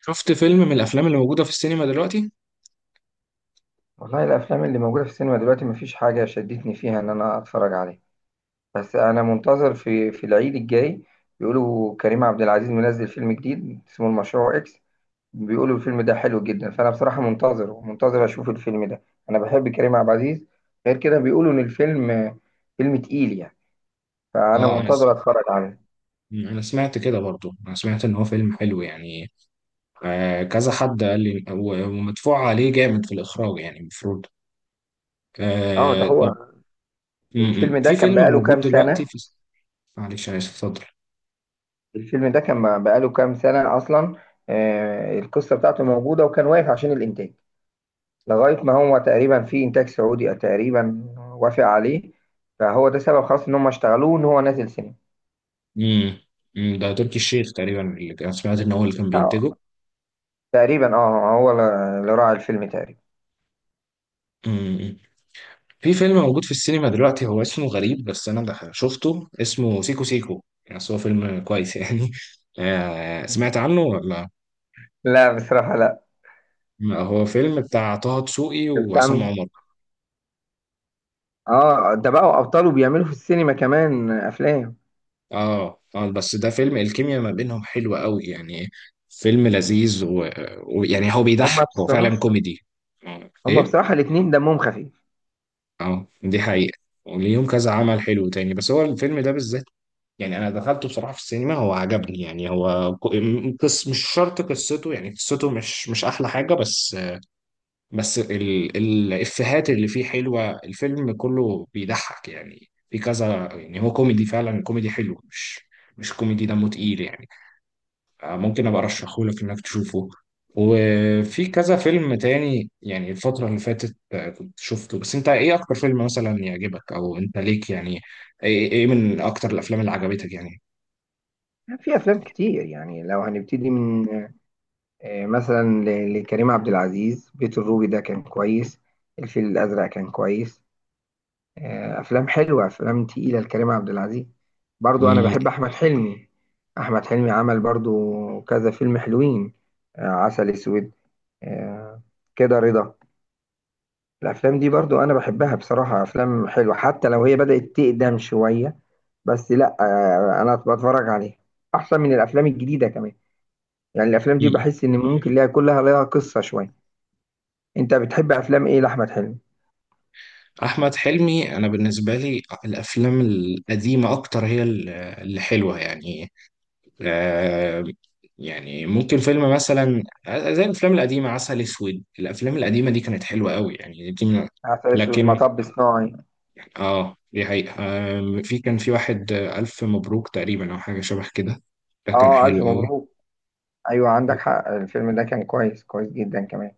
شفت فيلم من الافلام اللي موجوده في السينما دلوقتي؟ والله الافلام اللي موجوده في السينما دلوقتي مفيش حاجه شدتني فيها ان انا اتفرج عليها. بس انا منتظر في العيد الجاي. بيقولوا كريم عبد العزيز منزل فيلم جديد اسمه المشروع اكس. بيقولوا الفيلم ده حلو جدا، فانا بصراحه منتظر ومنتظر اشوف الفيلم ده. انا بحب كريم عبد العزيز. غير كده بيقولوا ان الفيلم فيلم تقيل يعني، فانا اه انا س... منتظر اتفرج عليه. انا سمعت كده برضو انا سمعت ان هو فيلم حلو يعني. كذا حد قال لي ومدفوع عليه جامد في الاخراج، يعني المفروض. اه ده آه، طب. هو. م- الفيلم م. ده في كان فيلم بقاله موجود كام دلوقتي سنه؟ في، معلش انا اسف، اتفضل. الفيلم ده كان بقاله كام سنه اصلا؟ آه، القصه بتاعته موجوده وكان واقف عشان الانتاج، لغاية ما هو تقريبا في إنتاج سعودي تقريبا وافق عليه، فهو ده سبب خلاص إن هم اشتغلوه إن هو نازل سينما. امم. ده تركي الشيخ تقريبا سمعت ان هو اللي كان بينتجه. آه، تقريبا اه هو اللي راعي الفيلم تقريبا. امم. في فيلم موجود في السينما دلوقتي هو اسمه غريب، بس انا ده شفته اسمه سيكو سيكو يعني، بس هو فيلم كويس يعني. سمعت عنه ولا؟ لا بصراحة لا. ما هو فيلم بتاع طه دسوقي ده بتاع وعصام مين؟ عمر. اه ده بقوا أبطاله بيعملوا في السينما كمان أفلام. اه اه، بس ده فيلم الكيمياء ما بينهم حلوة قوي يعني، فيلم لذيذ ويعني هو هما بيضحك، هو فعلا بصراحة، كوميدي. آه، هما ايه. بصراحة الاتنين دمهم خفيف. اه، دي حقيقة. وليهم كذا عمل حلو تاني، بس هو الفيلم ده بالذات يعني انا دخلته بصراحه في السينما، هو عجبني يعني، هو قص، مش شرط قصته، يعني قصته مش احلى حاجه، بس الافيهات اللي فيه حلوه، الفيلم كله بيضحك يعني، في كذا يعني هو كوميدي، فعلا كوميدي حلو، مش كوميدي دمه تقيل يعني. ممكن ابقى ارشحه لك انك تشوفه. وفي كذا فيلم تاني يعني الفترة اللي فاتت كنت شفته، بس انت ايه اكتر فيلم مثلا يعجبك، او انت ليك يعني إيه من اكتر الافلام اللي عجبتك؟ يعني في أفلام كتير، يعني لو هنبتدي من مثلا لكريم عبد العزيز، بيت الروبي ده كان كويس. الفيل الأزرق كان كويس. افلام حلوه، افلام تقيله لكريم عبد العزيز. برضو انا يعني. بحب احمد حلمي. احمد حلمي عمل برضو كذا فيلم حلوين. عسل اسود، آه، كده رضا. الافلام دي برضو انا بحبها بصراحه، افلام حلوه حتى لو هي بدات تقدم شويه. بس لا، انا بتفرج عليها، احسن من الافلام الجديده كمان. يعني الافلام دي مم. بحس ان ممكن ليها، كلها ليها قصه شويه. انت بتحب افلام ايه لاحمد حلمي؟ احمد حلمي انا بالنسبه لي الافلام القديمه اكتر هي اللي حلوه يعني. آه. يعني ممكن فيلم مثلا زي الافلام القديمه، عسل اسود، الافلام القديمه دي كانت حلوه قوي يعني، دي من، عسل اسود، لكن مطب صناعي. اه، دي حقيقة. في كان في واحد الف مبروك تقريبا، او حاجه شبه كده، ده كان اه حلو الف قوي. مبروك. ايوه عندك حق، الفيلم ده كان كويس، كويس جدا كمان.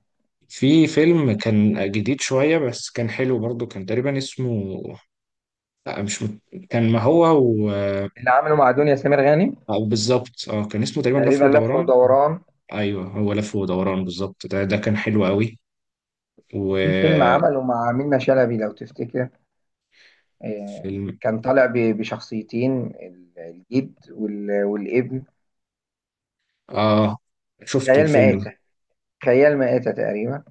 في فيلم كان جديد شويه بس كان حلو برضو، كان تقريبا اسمه، لا مش كان ما هو، اللي عمله مع دنيا سمير غانم، أو بالظبط، اه كان اسمه تقريبا لف تقريبا لف ودوران. ودوران. ايوه، هو لف ودوران بالظبط، ده كان حلو قوي. وفي فيلم وفيلم. عمله مع منة شلبي لو تفتكر، آه، كان طالع بشخصيتين، الجد والابن. اه، شفته خيال الفيلم ده. مآتة، خيال مآتة تقريبا.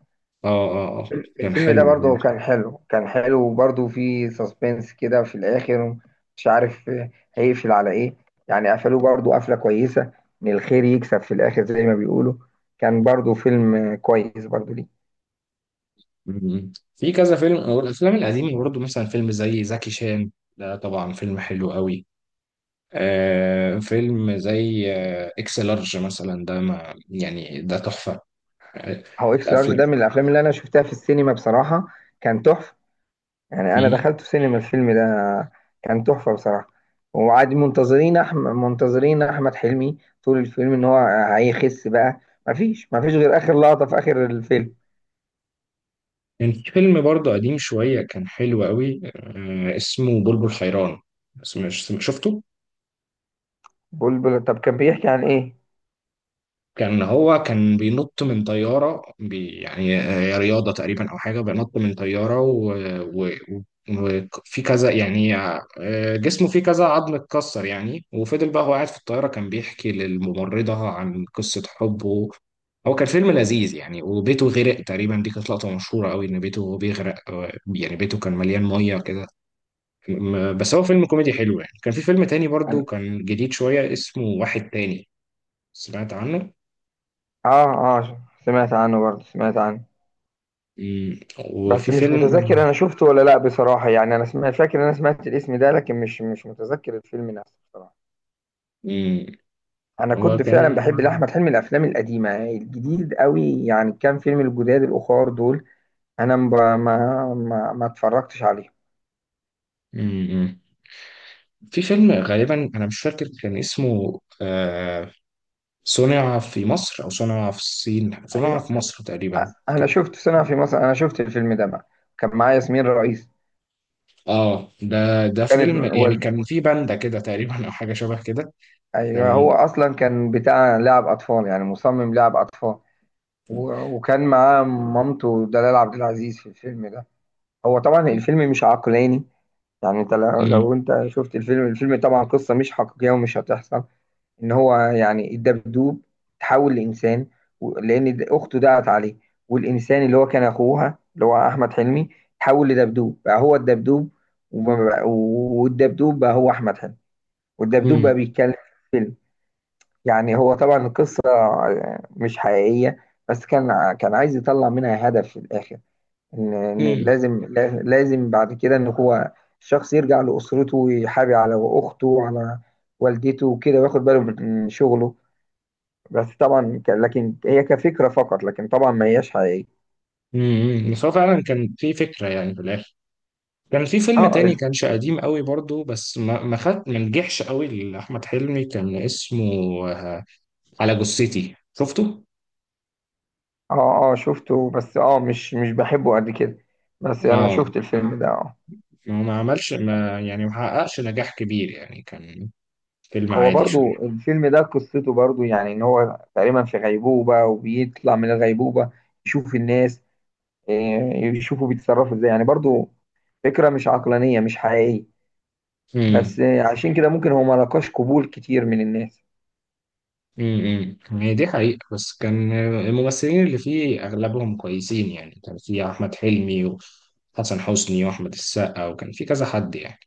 اه اه اه، كان الفيلم ده حلو برضه برضه. كان حلو، كان حلو وبرضه فيه سسبنس كده في الآخر، مش عارف هيقفل على إيه. يعني قفلوه برضه قفلة كويسة، إن الخير يكسب في الآخر زي ما بيقولوا. كان برضه فيلم كويس برضه ليه. في كذا فيلم والافلام القديمه برضه، مثلا فيلم زي زكي شان، ده طبعا فيلم حلو قوي. فيلم زي اكس لارج مثلا، ده ما يعني ده تحفه. آه. هو إكس لارج الافلام. ده من الأفلام اللي أنا شفتها في السينما بصراحة، كان تحفة. يعني أنا م-م. دخلت السينما الفيلم ده، كان تحفة بصراحة. وعاد منتظرين أحمد، منتظرين أحمد حلمي طول الفيلم إن هو هيخس بقى. مفيش غير آخر لقطة في آخر الفيلم. كان في فيلم برضه قديم شوية كان حلو قوي، اسمه بلبل حيران، بس مش شفته. بلبل، طب كان بيحكي عن ايه؟ كان هو كان بينط من طيارة، بي يعني رياضة تقريبا أو حاجة، بينط من طيارة وفي في كذا يعني. جسمه فيه كذا عظم اتكسر يعني، وفضل بقى هو قاعد في الطيارة، كان بيحكي للممرضة عن قصة حبه. هو كان فيلم لذيذ يعني، وبيته غرق تقريبا، دي كانت لقطة مشهورة قوي إن بيته بيغرق، يعني بيته كان مليان مية كده. بس هو فيلم كوميدي حلو يعني. كان في فيلم تاني برضو عن كان جديد شوية اسمه واحد تاني، سمعت عنه. اه. اه سمعت عنه برضه، سمعت عنه. مم. بس وفي مش فيلم. متذكر انا شفته ولا لا بصراحة، يعني انا سمعت، فاكر إن انا سمعت الاسم ده لكن مش، مش متذكر الفيلم نفسه بصراحة. مم. انا هو كنت كان. فعلا بحب لاحمد حلمي الافلام القديمة، الجديد قوي يعني كام فيلم الجداد الاخار دول انا مب- ما ما اتفرجتش عليهم. مم. في فيلم غالبا أنا مش فاكر كان اسمه صنع في مصر أو صنع في الصين، صنع ايوه، في مصر تقريبا انا كان. شفت سنة في مصر، انا شفت الفيلم ده بقى، كان معايا ياسمين رئيس. اه، ده كانت فيلم يعني والد، كان في باندا كده تقريبا أو حاجة شبه كده، ايوه كان. هو اصلا كان بتاع لعب اطفال، يعني مصمم لعب اطفال. وكان معاه مامته دلال عبد العزيز في الفيلم ده. هو طبعا الفيلم مش عقلاني. يعني انت مم. لو انت شفت الفيلم، الفيلم طبعا قصة مش حقيقية ومش هتحصل. ان هو يعني الدبدوب تحول لإنسان، لأن أخته دعت عليه. والإنسان اللي هو كان أخوها اللي هو أحمد حلمي تحول لدبدوب، بقى هو الدبدوب. والدبدوب بقى هو أحمد حلمي، والدبدوب مم. بقى بيتكلم في الفيلم. يعني هو طبعا القصة مش حقيقية، بس كان كان عايز يطلع منها هدف في الآخر، إن مم. لازم لازم بعد كده إن هو الشخص يرجع لأسرته ويحابي على أخته وعلى والدته وكده وياخد باله من شغله. بس طبعا لكن هي كفكرة فقط، لكن طبعا ما هياش حقيقية. مم. بس هو فعلا كان في فكرة يعني في الآخر. كان في فيلم اه تاني كانش قديم قوي برضو، بس ما خد ما نجحش قوي لأحمد حلمي، كان اسمه، آه، على جثتي، شفته؟ اه، شفته بس اه مش، مش بحبه قد كده، بس أنا اه، شفت الفيلم ده. ما عملش، ما يعني ما حققش نجاح كبير يعني، كان فيلم هو عادي برضو شوية. الفيلم ده قصته برضو يعني ان هو تقريبا في غيبوبة وبيطلع من الغيبوبة يشوف الناس، إيه، يشوفوا بيتصرفوا ازاي يعني، برضو فكرة مش عقلانية مش حقيقية. بس امم. إيه، عشان كده ممكن هو ملقاش قبول كتير من الناس. هي دي حقيقة، بس كان الممثلين اللي فيه أغلبهم كويسين يعني، كان في أحمد حلمي وحسن حسني وأحمد السقا، وكان في كذا حد يعني.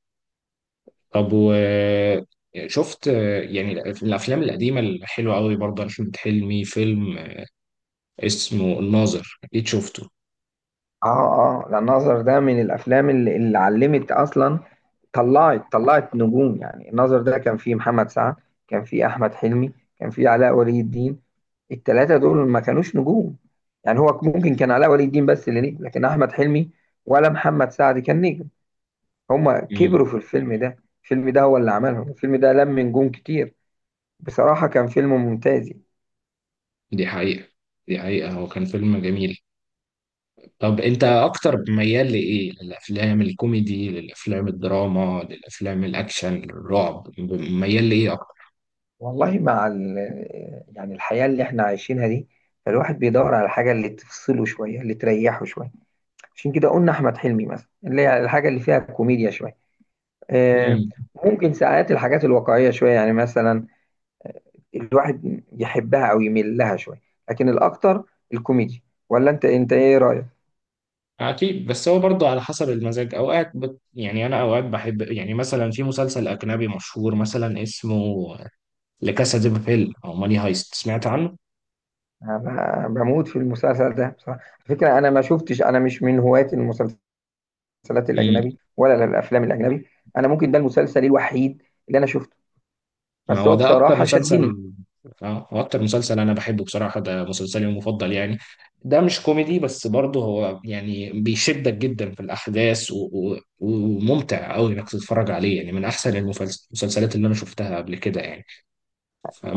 طب وشفت يعني الافلام القديمه الحلوه قوي برضه احمد حلمي، فيلم اسمه الناظر، اكيد شفته. اه اه لا، الناظر ده من الافلام اللي علمت اصلا، طلعت نجوم يعني. الناظر ده كان فيه محمد سعد، كان فيه احمد حلمي، كان فيه علاء ولي الدين. التلاتة دول ما كانوش نجوم، يعني هو ممكن كان علاء ولي الدين بس اللي نجم، لكن احمد حلمي ولا محمد سعد كان نجم. هما كبروا مم. في الفيلم ده، الفيلم ده هو اللي عملهم، الفيلم ده لم نجوم كتير. بصراحة كان فيلم ممتاز يعني. دي حقيقه، دي حقيقه، هو كان فيلم جميل. طب انت اكتر ميال لايه؟ للافلام الكوميدي، للافلام الدراما، للافلام الاكشن، للرعب؟ ميال لايه اكتر؟ والله مع يعني الحياة اللي احنا عايشينها دي، فالواحد بيدور على الحاجة اللي تفصله شوية، اللي تريحه شوية. عشان كده قلنا أحمد حلمي مثلا، اللي هي الحاجة اللي فيها كوميديا شوية. آه، امم. ممكن ساعات الحاجات الواقعية شوية، يعني مثلا الواحد يحبها أو يميل لها شوية، لكن الأكتر الكوميدي. ولا أنت، أنت إيه رأيك؟ اكيد، بس هو برضه على حسب المزاج، اوقات يعني انا اوقات بحب يعني، مثلا في مسلسل اجنبي مشهور مثلا اسمه لكاسا دي بابيل او ماني هايست، سمعت عنه؟ أنا بموت في المسلسل ده بصراحة على فكرة. أنا ما شفتش، أنا مش من هواة المسلسلات امم. الأجنبي ولا الأفلام الأجنبي. أنا ممكن ده المسلسل الوحيد اللي أنا شفته، ما بس هو هو ده اكتر بصراحة شدني. مسلسل. اه، هو اكتر مسلسل انا بحبه بصراحه، ده مسلسلي المفضل يعني، ده مش كوميدي بس برضه هو يعني بيشدك جدا في الاحداث وممتع قوي انك تتفرج عليه يعني، من احسن المسلسلات اللي انا شفتها قبل كده يعني،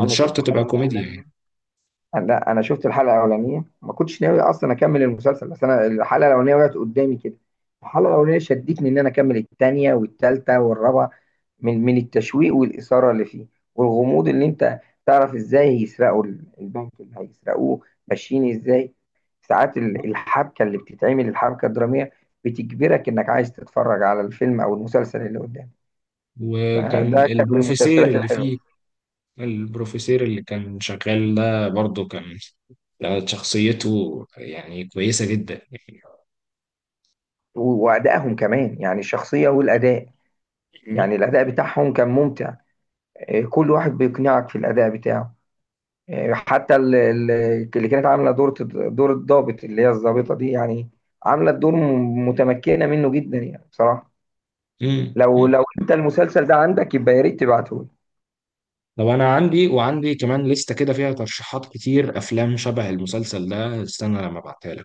أنا شفت شرط تبقى الحلقة كوميديا يعني. الأولانية، لا أنا شفت الحلقة الأولانية، ما كنتش ناوي أصلا أكمل المسلسل بس أنا الحلقة الأولانية وقعت قدامي كده. الحلقة الأولانية شدتني إن أنا أكمل التانية والتالتة والرابعة، من التشويق والإثارة اللي فيه، والغموض، اللي أنت تعرف إزاي هيسرقوا البنك، اللي هيسرقوه ماشيين إزاي. ساعات الحبكة اللي بتتعمل، الحبكة الدرامية بتجبرك إنك عايز تتفرج على الفيلم أو المسلسل اللي قدامك. وكان فده كان من البروفيسير المسلسلات اللي الحلوة. فيه، البروفيسير اللي كان شغال ده برضه كان، شخصيته يعني كويسه جدا. وأدائهم كمان، يعني الشخصية والأداء، يعني يعني. الأداء بتاعهم كان ممتع. إيه، كل واحد بيقنعك في الأداء بتاعه. إيه، حتى اللي كانت عاملة دور، دور الضابط اللي هي الضابطة دي، يعني عاملة الدور متمكنة منه جدا يعني بصراحة. مم. مم. لو أنت المسلسل ده عندك يبقى يا ريت تبعته. طب انا عندي، وعندي كمان لستة كده فيها ترشيحات كتير افلام شبه المسلسل ده، استنى لما ابعتها لك.